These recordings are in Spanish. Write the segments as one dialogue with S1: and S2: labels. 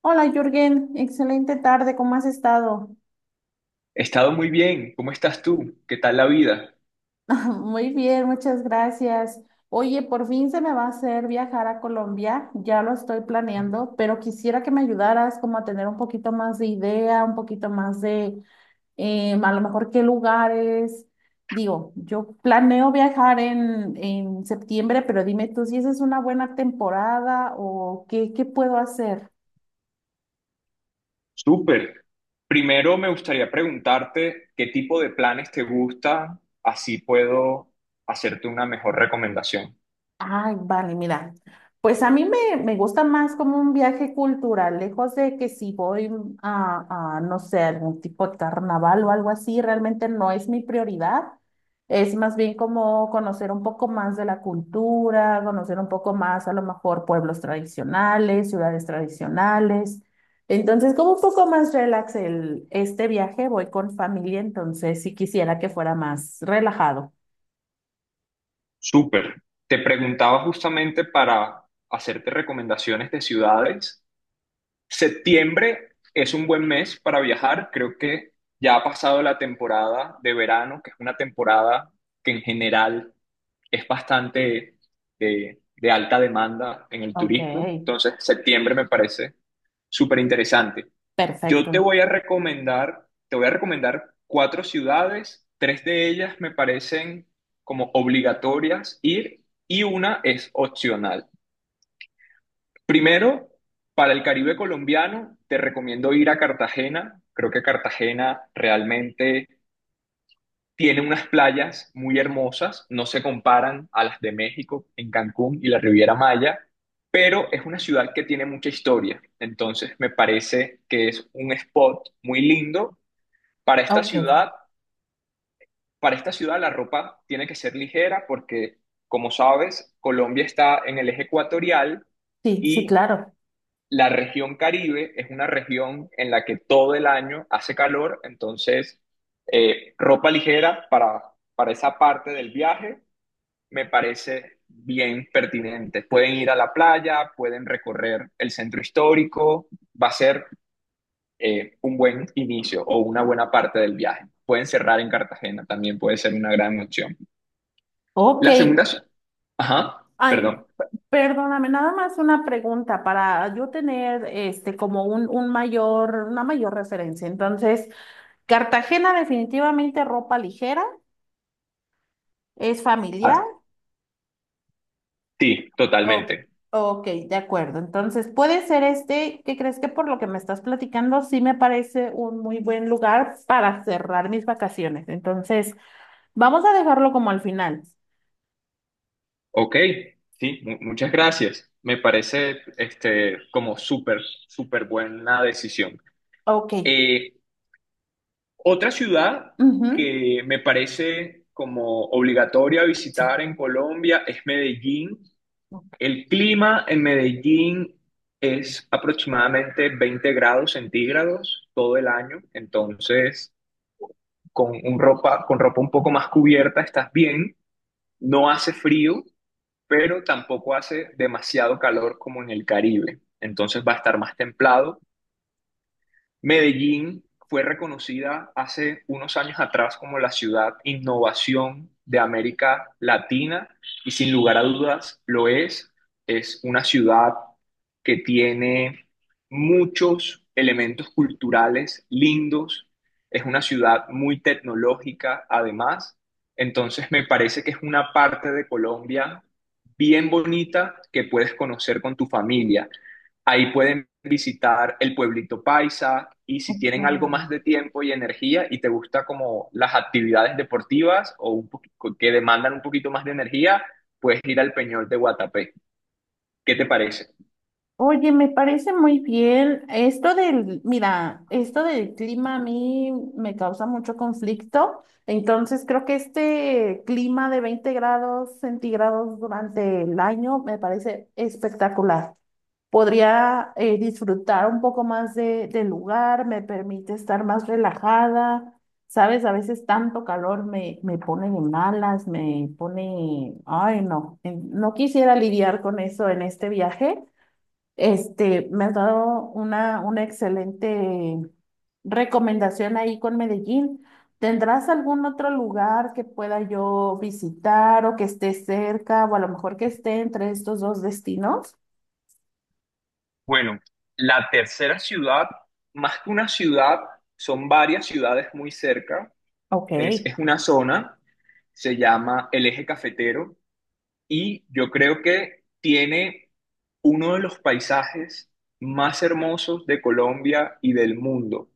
S1: Hola Jürgen, excelente tarde, ¿cómo has estado?
S2: He estado muy bien. ¿Cómo estás tú? ¿Qué tal la vida?
S1: Muy bien, muchas gracias. Oye, por fin se me va a hacer viajar a Colombia, ya lo estoy planeando, pero quisiera que me ayudaras como a tener un poquito más de idea, un poquito más de a lo mejor qué lugares. Digo, yo planeo viajar en septiembre, pero dime tú si esa es una buena temporada o qué, qué puedo hacer.
S2: Súper. Primero me gustaría preguntarte qué tipo de planes te gustan, así puedo hacerte una mejor recomendación.
S1: Ay, vale, mira. Pues a me gusta más como un viaje cultural, lejos de que si voy no sé, algún tipo de carnaval o algo así, realmente no es mi prioridad. Es más bien como conocer un poco más de la cultura, conocer un poco más a lo mejor pueblos tradicionales, ciudades tradicionales. Entonces, como un poco más relax este viaje, voy con familia, entonces sí quisiera que fuera más relajado.
S2: Súper. Te preguntaba justamente para hacerte recomendaciones de ciudades. Septiembre es un buen mes para viajar. Creo que ya ha pasado la temporada de verano, que es una temporada que en general es bastante de alta demanda en el
S1: Ok,
S2: turismo, entonces septiembre me parece súper interesante. Yo
S1: perfecto.
S2: te voy a recomendar cuatro ciudades, tres de ellas me parecen como obligatorias ir y una es opcional. Primero, para el Caribe colombiano, te recomiendo ir a Cartagena. Creo que Cartagena realmente tiene unas playas muy hermosas, no se comparan a las de México, en Cancún y la Riviera Maya, pero es una ciudad que tiene mucha historia. Entonces me parece que es un spot muy lindo para esta
S1: Ok.
S2: ciudad. Para esta ciudad la ropa tiene que ser ligera porque, como sabes, Colombia está en el eje ecuatorial
S1: Sí, sí,
S2: y
S1: claro.
S2: la región Caribe es una región en la que todo el año hace calor, entonces ropa ligera para esa parte del viaje me parece bien pertinente. Pueden ir a la playa, pueden recorrer el centro histórico, va a ser un buen inicio o una buena parte del viaje. Pueden cerrar en Cartagena, también puede ser una gran opción.
S1: Ok.
S2: La segunda. Ajá,
S1: Ay,
S2: perdón.
S1: perdóname, nada más una pregunta para yo tener este como un mayor, una mayor referencia. Entonces, Cartagena definitivamente ropa ligera, es familiar.
S2: Ah, sí,
S1: O-
S2: totalmente.
S1: ok, de acuerdo. Entonces, puede ser este, ¿qué crees que por lo que me estás platicando, sí me parece un muy buen lugar para cerrar mis vacaciones? Entonces, vamos a dejarlo como al final.
S2: Ok, sí, muchas gracias. Me parece este, como súper, súper buena decisión.
S1: Ok.
S2: Eh, Otra ciudad
S1: Ujú.
S2: que me parece como obligatoria
S1: Sí.
S2: visitar en Colombia es Medellín. El clima en Medellín es aproximadamente 20 grados centígrados todo el año, entonces con ropa un poco más cubierta estás bien, no hace frío pero tampoco hace demasiado calor como en el Caribe. Entonces va a estar más templado. Medellín fue reconocida hace unos años atrás como la ciudad innovación de América Latina y sin lugar a dudas lo es. Es una ciudad que tiene muchos elementos culturales lindos. Es una ciudad muy tecnológica además. Entonces me parece que es una parte de Colombia bien bonita que puedes conocer con tu familia. Ahí pueden visitar el pueblito Paisa y si tienen algo más de
S1: Ok.
S2: tiempo y energía y te gusta como las actividades deportivas o que demandan un poquito más de energía, puedes ir al Peñol de Guatapé. ¿Qué te parece?
S1: Oye, me parece muy bien. Esto del, mira, esto del clima a mí me causa mucho conflicto. Entonces, creo que este clima de 20 grados centígrados durante el año me parece espectacular. Podría disfrutar un poco más del lugar, me permite estar más relajada. Sabes, a veces tanto calor me pone de malas, me pone, ay, no, no quisiera lidiar con eso en este viaje. Este, me has dado una excelente recomendación ahí con Medellín. ¿Tendrás algún otro lugar que pueda yo visitar o que esté cerca o a lo mejor que esté entre estos dos destinos?
S2: Bueno, la tercera ciudad, más que una ciudad, son varias ciudades muy cerca.
S1: Ok.
S2: Es una zona, se llama el Eje Cafetero. Y yo creo que tiene uno de los paisajes más hermosos de Colombia y del mundo.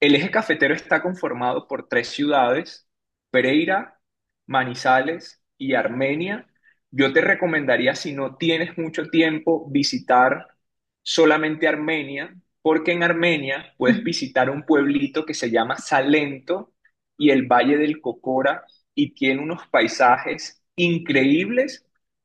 S2: El eje cafetero está conformado por tres ciudades, Pereira, Manizales y Armenia. Yo te recomendaría, si no tienes mucho tiempo, visitar solamente Armenia, porque en Armenia puedes
S1: Ujú.
S2: visitar un pueblito que se llama Salento y el Valle del Cocora y tiene unos paisajes increíbles.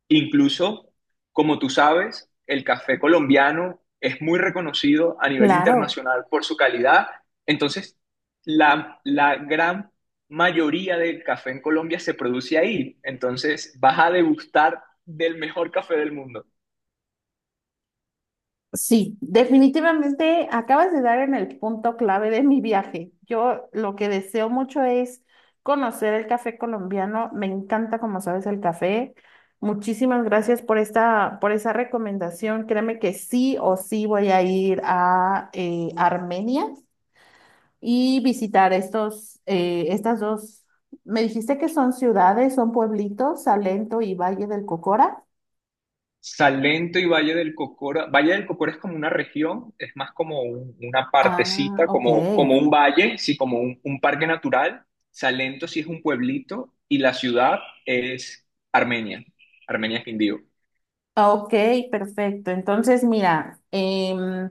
S2: Incluso, como tú sabes, el café colombiano es muy reconocido a nivel
S1: Claro.
S2: internacional por su calidad, entonces, la gran mayoría del café en Colombia se produce ahí. Entonces, vas a degustar del mejor café del mundo.
S1: Sí, definitivamente acabas de dar en el punto clave de mi viaje. Yo lo que deseo mucho es conocer el café colombiano. Me encanta, como sabes, el café. Muchísimas gracias por esta, por esa recomendación. Créeme que sí o sí voy a ir a Armenia y visitar estas dos. Me dijiste que son ciudades, son pueblitos, Salento y Valle del Cocora.
S2: Salento y Valle del Cocora. Valle del Cocora es como una región, es más como una
S1: Ah,
S2: partecita,
S1: ok.
S2: como un valle, sí, como un parque natural. Salento sí es un pueblito y la ciudad es Armenia. Armenia es Quindío.
S1: Ah, ok, perfecto. Entonces, mira,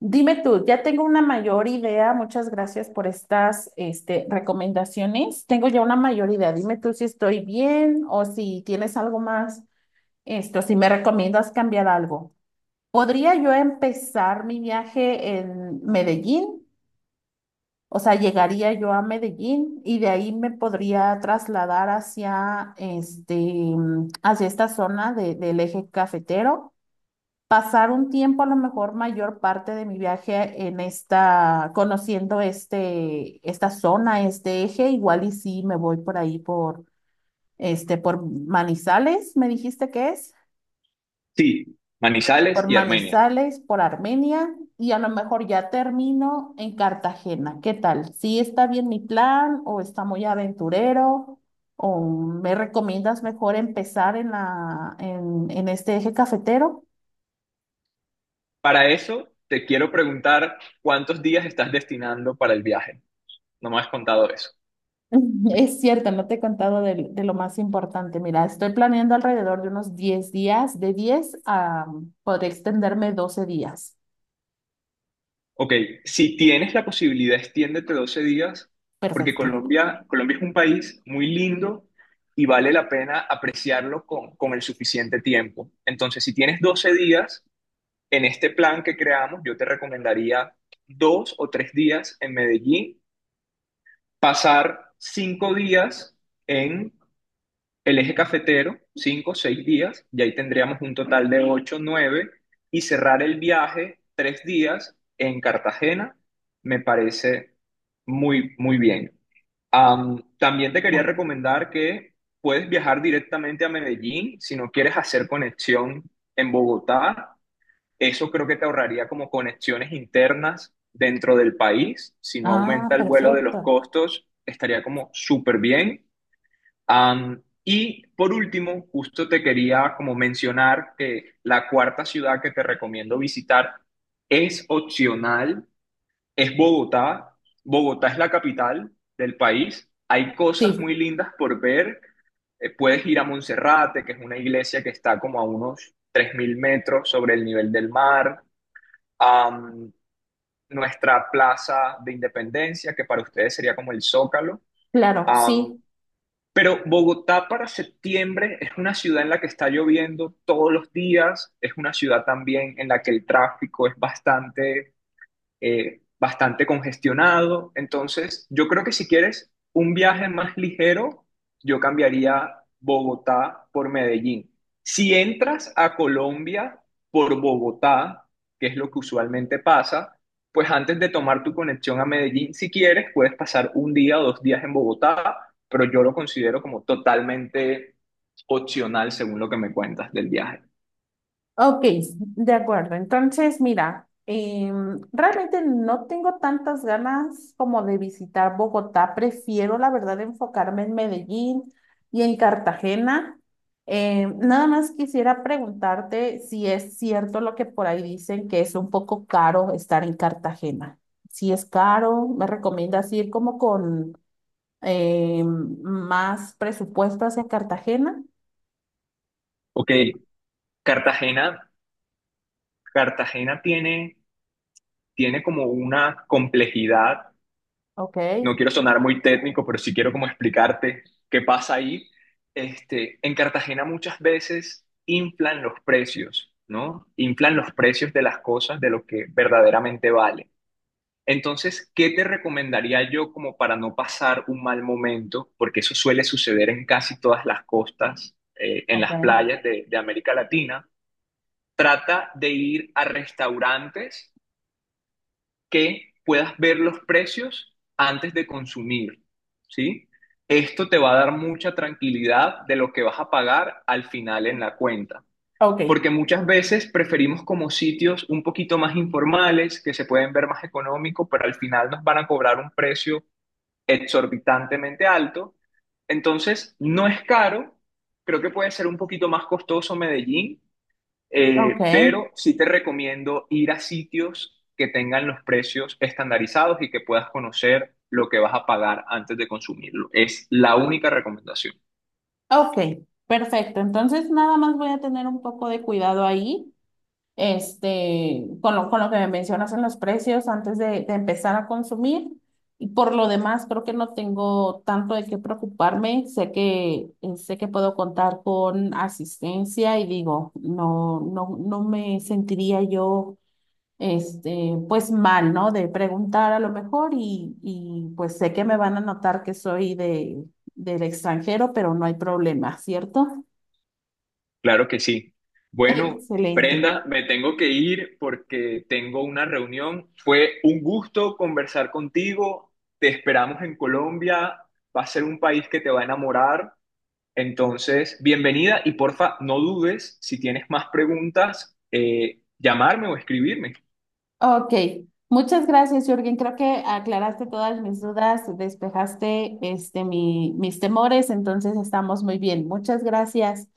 S1: dime tú, ya tengo una mayor idea. Muchas gracias por recomendaciones. Tengo ya una mayor idea. Dime tú si estoy bien o si tienes algo más, esto, si me recomiendas cambiar algo. ¿Podría yo empezar mi viaje en Medellín? O sea, llegaría yo a Medellín y de ahí me podría trasladar hacia, este, hacia esta zona del eje cafetero, pasar un tiempo, a lo mejor mayor parte de mi viaje en esta, conociendo este, esta zona, este eje, igual y sí me voy por ahí este, por Manizales, me dijiste que es,
S2: Sí, Manizales
S1: por
S2: y Armenia.
S1: Manizales, por Armenia, y a lo mejor ya termino en Cartagena. ¿Qué tal? ¿Sí está bien mi plan o está muy aventurero? ¿O me recomiendas mejor empezar en en este eje cafetero?
S2: Para eso, te quiero preguntar cuántos días estás destinando para el viaje. No me has contado eso.
S1: Es cierto, no te he contado lo más importante. Mira, estoy planeando alrededor de unos 10 días, de 10 a, podré extenderme 12 días.
S2: Ok, si tienes la posibilidad, extiéndete 12 días, porque
S1: Perfecto.
S2: Colombia es un país muy lindo y vale la pena apreciarlo con el suficiente tiempo. Entonces, si tienes 12 días en este plan que creamos, yo te recomendaría 2 o 3 días en Medellín, pasar 5 días en el eje cafetero, 5 6 días, y ahí tendríamos un total de 8 9 y cerrar el viaje 3 días en Cartagena, me parece muy, muy bien. También te quería
S1: No.
S2: recomendar que puedes viajar directamente a Medellín si no quieres hacer conexión en Bogotá. Eso creo que te ahorraría como conexiones internas dentro del país. Si no
S1: Ah,
S2: aumenta el vuelo de los
S1: perfecto.
S2: costos, estaría como súper bien. Y por último, justo te quería como mencionar que la cuarta ciudad que te recomiendo visitar es opcional, es Bogotá. Bogotá es la capital del país. Hay cosas
S1: Sí,
S2: muy lindas por ver. Puedes ir a Monserrate, que es una iglesia que está como a unos 3.000 metros sobre el nivel del mar. Am, Nuestra Plaza de Independencia, que para ustedes sería como el Zócalo.
S1: claro,
S2: Am,
S1: sí,
S2: pero Bogotá para septiembre es una ciudad en la que está lloviendo todos los días, es una ciudad también en la que el tráfico es bastante congestionado. Entonces, yo creo que si quieres un viaje más ligero, yo cambiaría Bogotá por Medellín. Si entras a Colombia por Bogotá, que es lo que usualmente pasa, pues antes de tomar tu conexión a Medellín, si quieres, puedes pasar un día o 2 días en Bogotá, pero yo lo considero como totalmente opcional según lo que me cuentas del viaje.
S1: ok, de acuerdo. Entonces, mira, realmente no tengo tantas ganas como de visitar Bogotá. Prefiero, la verdad, enfocarme en Medellín y en Cartagena. Nada más quisiera preguntarte si es cierto lo que por ahí dicen, que es un poco caro estar en Cartagena. Si es caro, ¿me recomiendas ir como con más presupuesto hacia Cartagena?
S2: Ok, Cartagena, Cartagena tiene como una complejidad,
S1: Ok,
S2: no quiero sonar muy técnico, pero sí quiero como explicarte qué pasa ahí. Este, en Cartagena muchas veces inflan los precios, ¿no? Inflan los precios de las cosas, de lo que verdaderamente vale. Entonces, ¿qué te recomendaría yo como para no pasar un mal momento? Porque eso suele suceder en casi todas las costas, en
S1: ok,
S2: las playas de América Latina. Trata de ir a restaurantes que puedas ver los precios antes de consumir, ¿sí? Esto te va a dar mucha tranquilidad de lo que vas a pagar al final en la cuenta,
S1: ok,
S2: porque muchas veces preferimos como sitios un poquito más informales, que se pueden ver más económicos, pero al final nos van a cobrar un precio exorbitantemente alto. Entonces, no es caro, creo que puede ser un poquito más costoso Medellín,
S1: ok.
S2: pero sí te recomiendo ir a sitios que tengan los precios estandarizados y que puedas conocer lo que vas a pagar antes de consumirlo. Es la única recomendación.
S1: Ok, perfecto. Entonces, nada más voy a tener un poco de cuidado ahí, este, con lo que me mencionas en los precios antes de empezar a consumir. Y por lo demás, creo que no tengo tanto de qué preocuparme. Sé que puedo contar con asistencia y digo, no, no, no me sentiría yo este, pues mal, ¿no? De preguntar a lo mejor y pues sé que me van a notar que soy del extranjero, pero no hay problema, ¿cierto?
S2: Claro que sí. Bueno,
S1: Excelente.
S2: Brenda, me tengo que ir porque tengo una reunión. Fue un gusto conversar contigo. Te esperamos en Colombia. Va a ser un país que te va a enamorar. Entonces, bienvenida y porfa, no dudes si tienes más preguntas, llamarme o escribirme.
S1: Ok, muchas gracias, Jürgen. Creo que aclaraste todas mis dudas, despejaste este, mis temores, entonces estamos muy bien. Muchas gracias.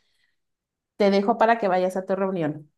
S1: Te dejo para que vayas a tu reunión.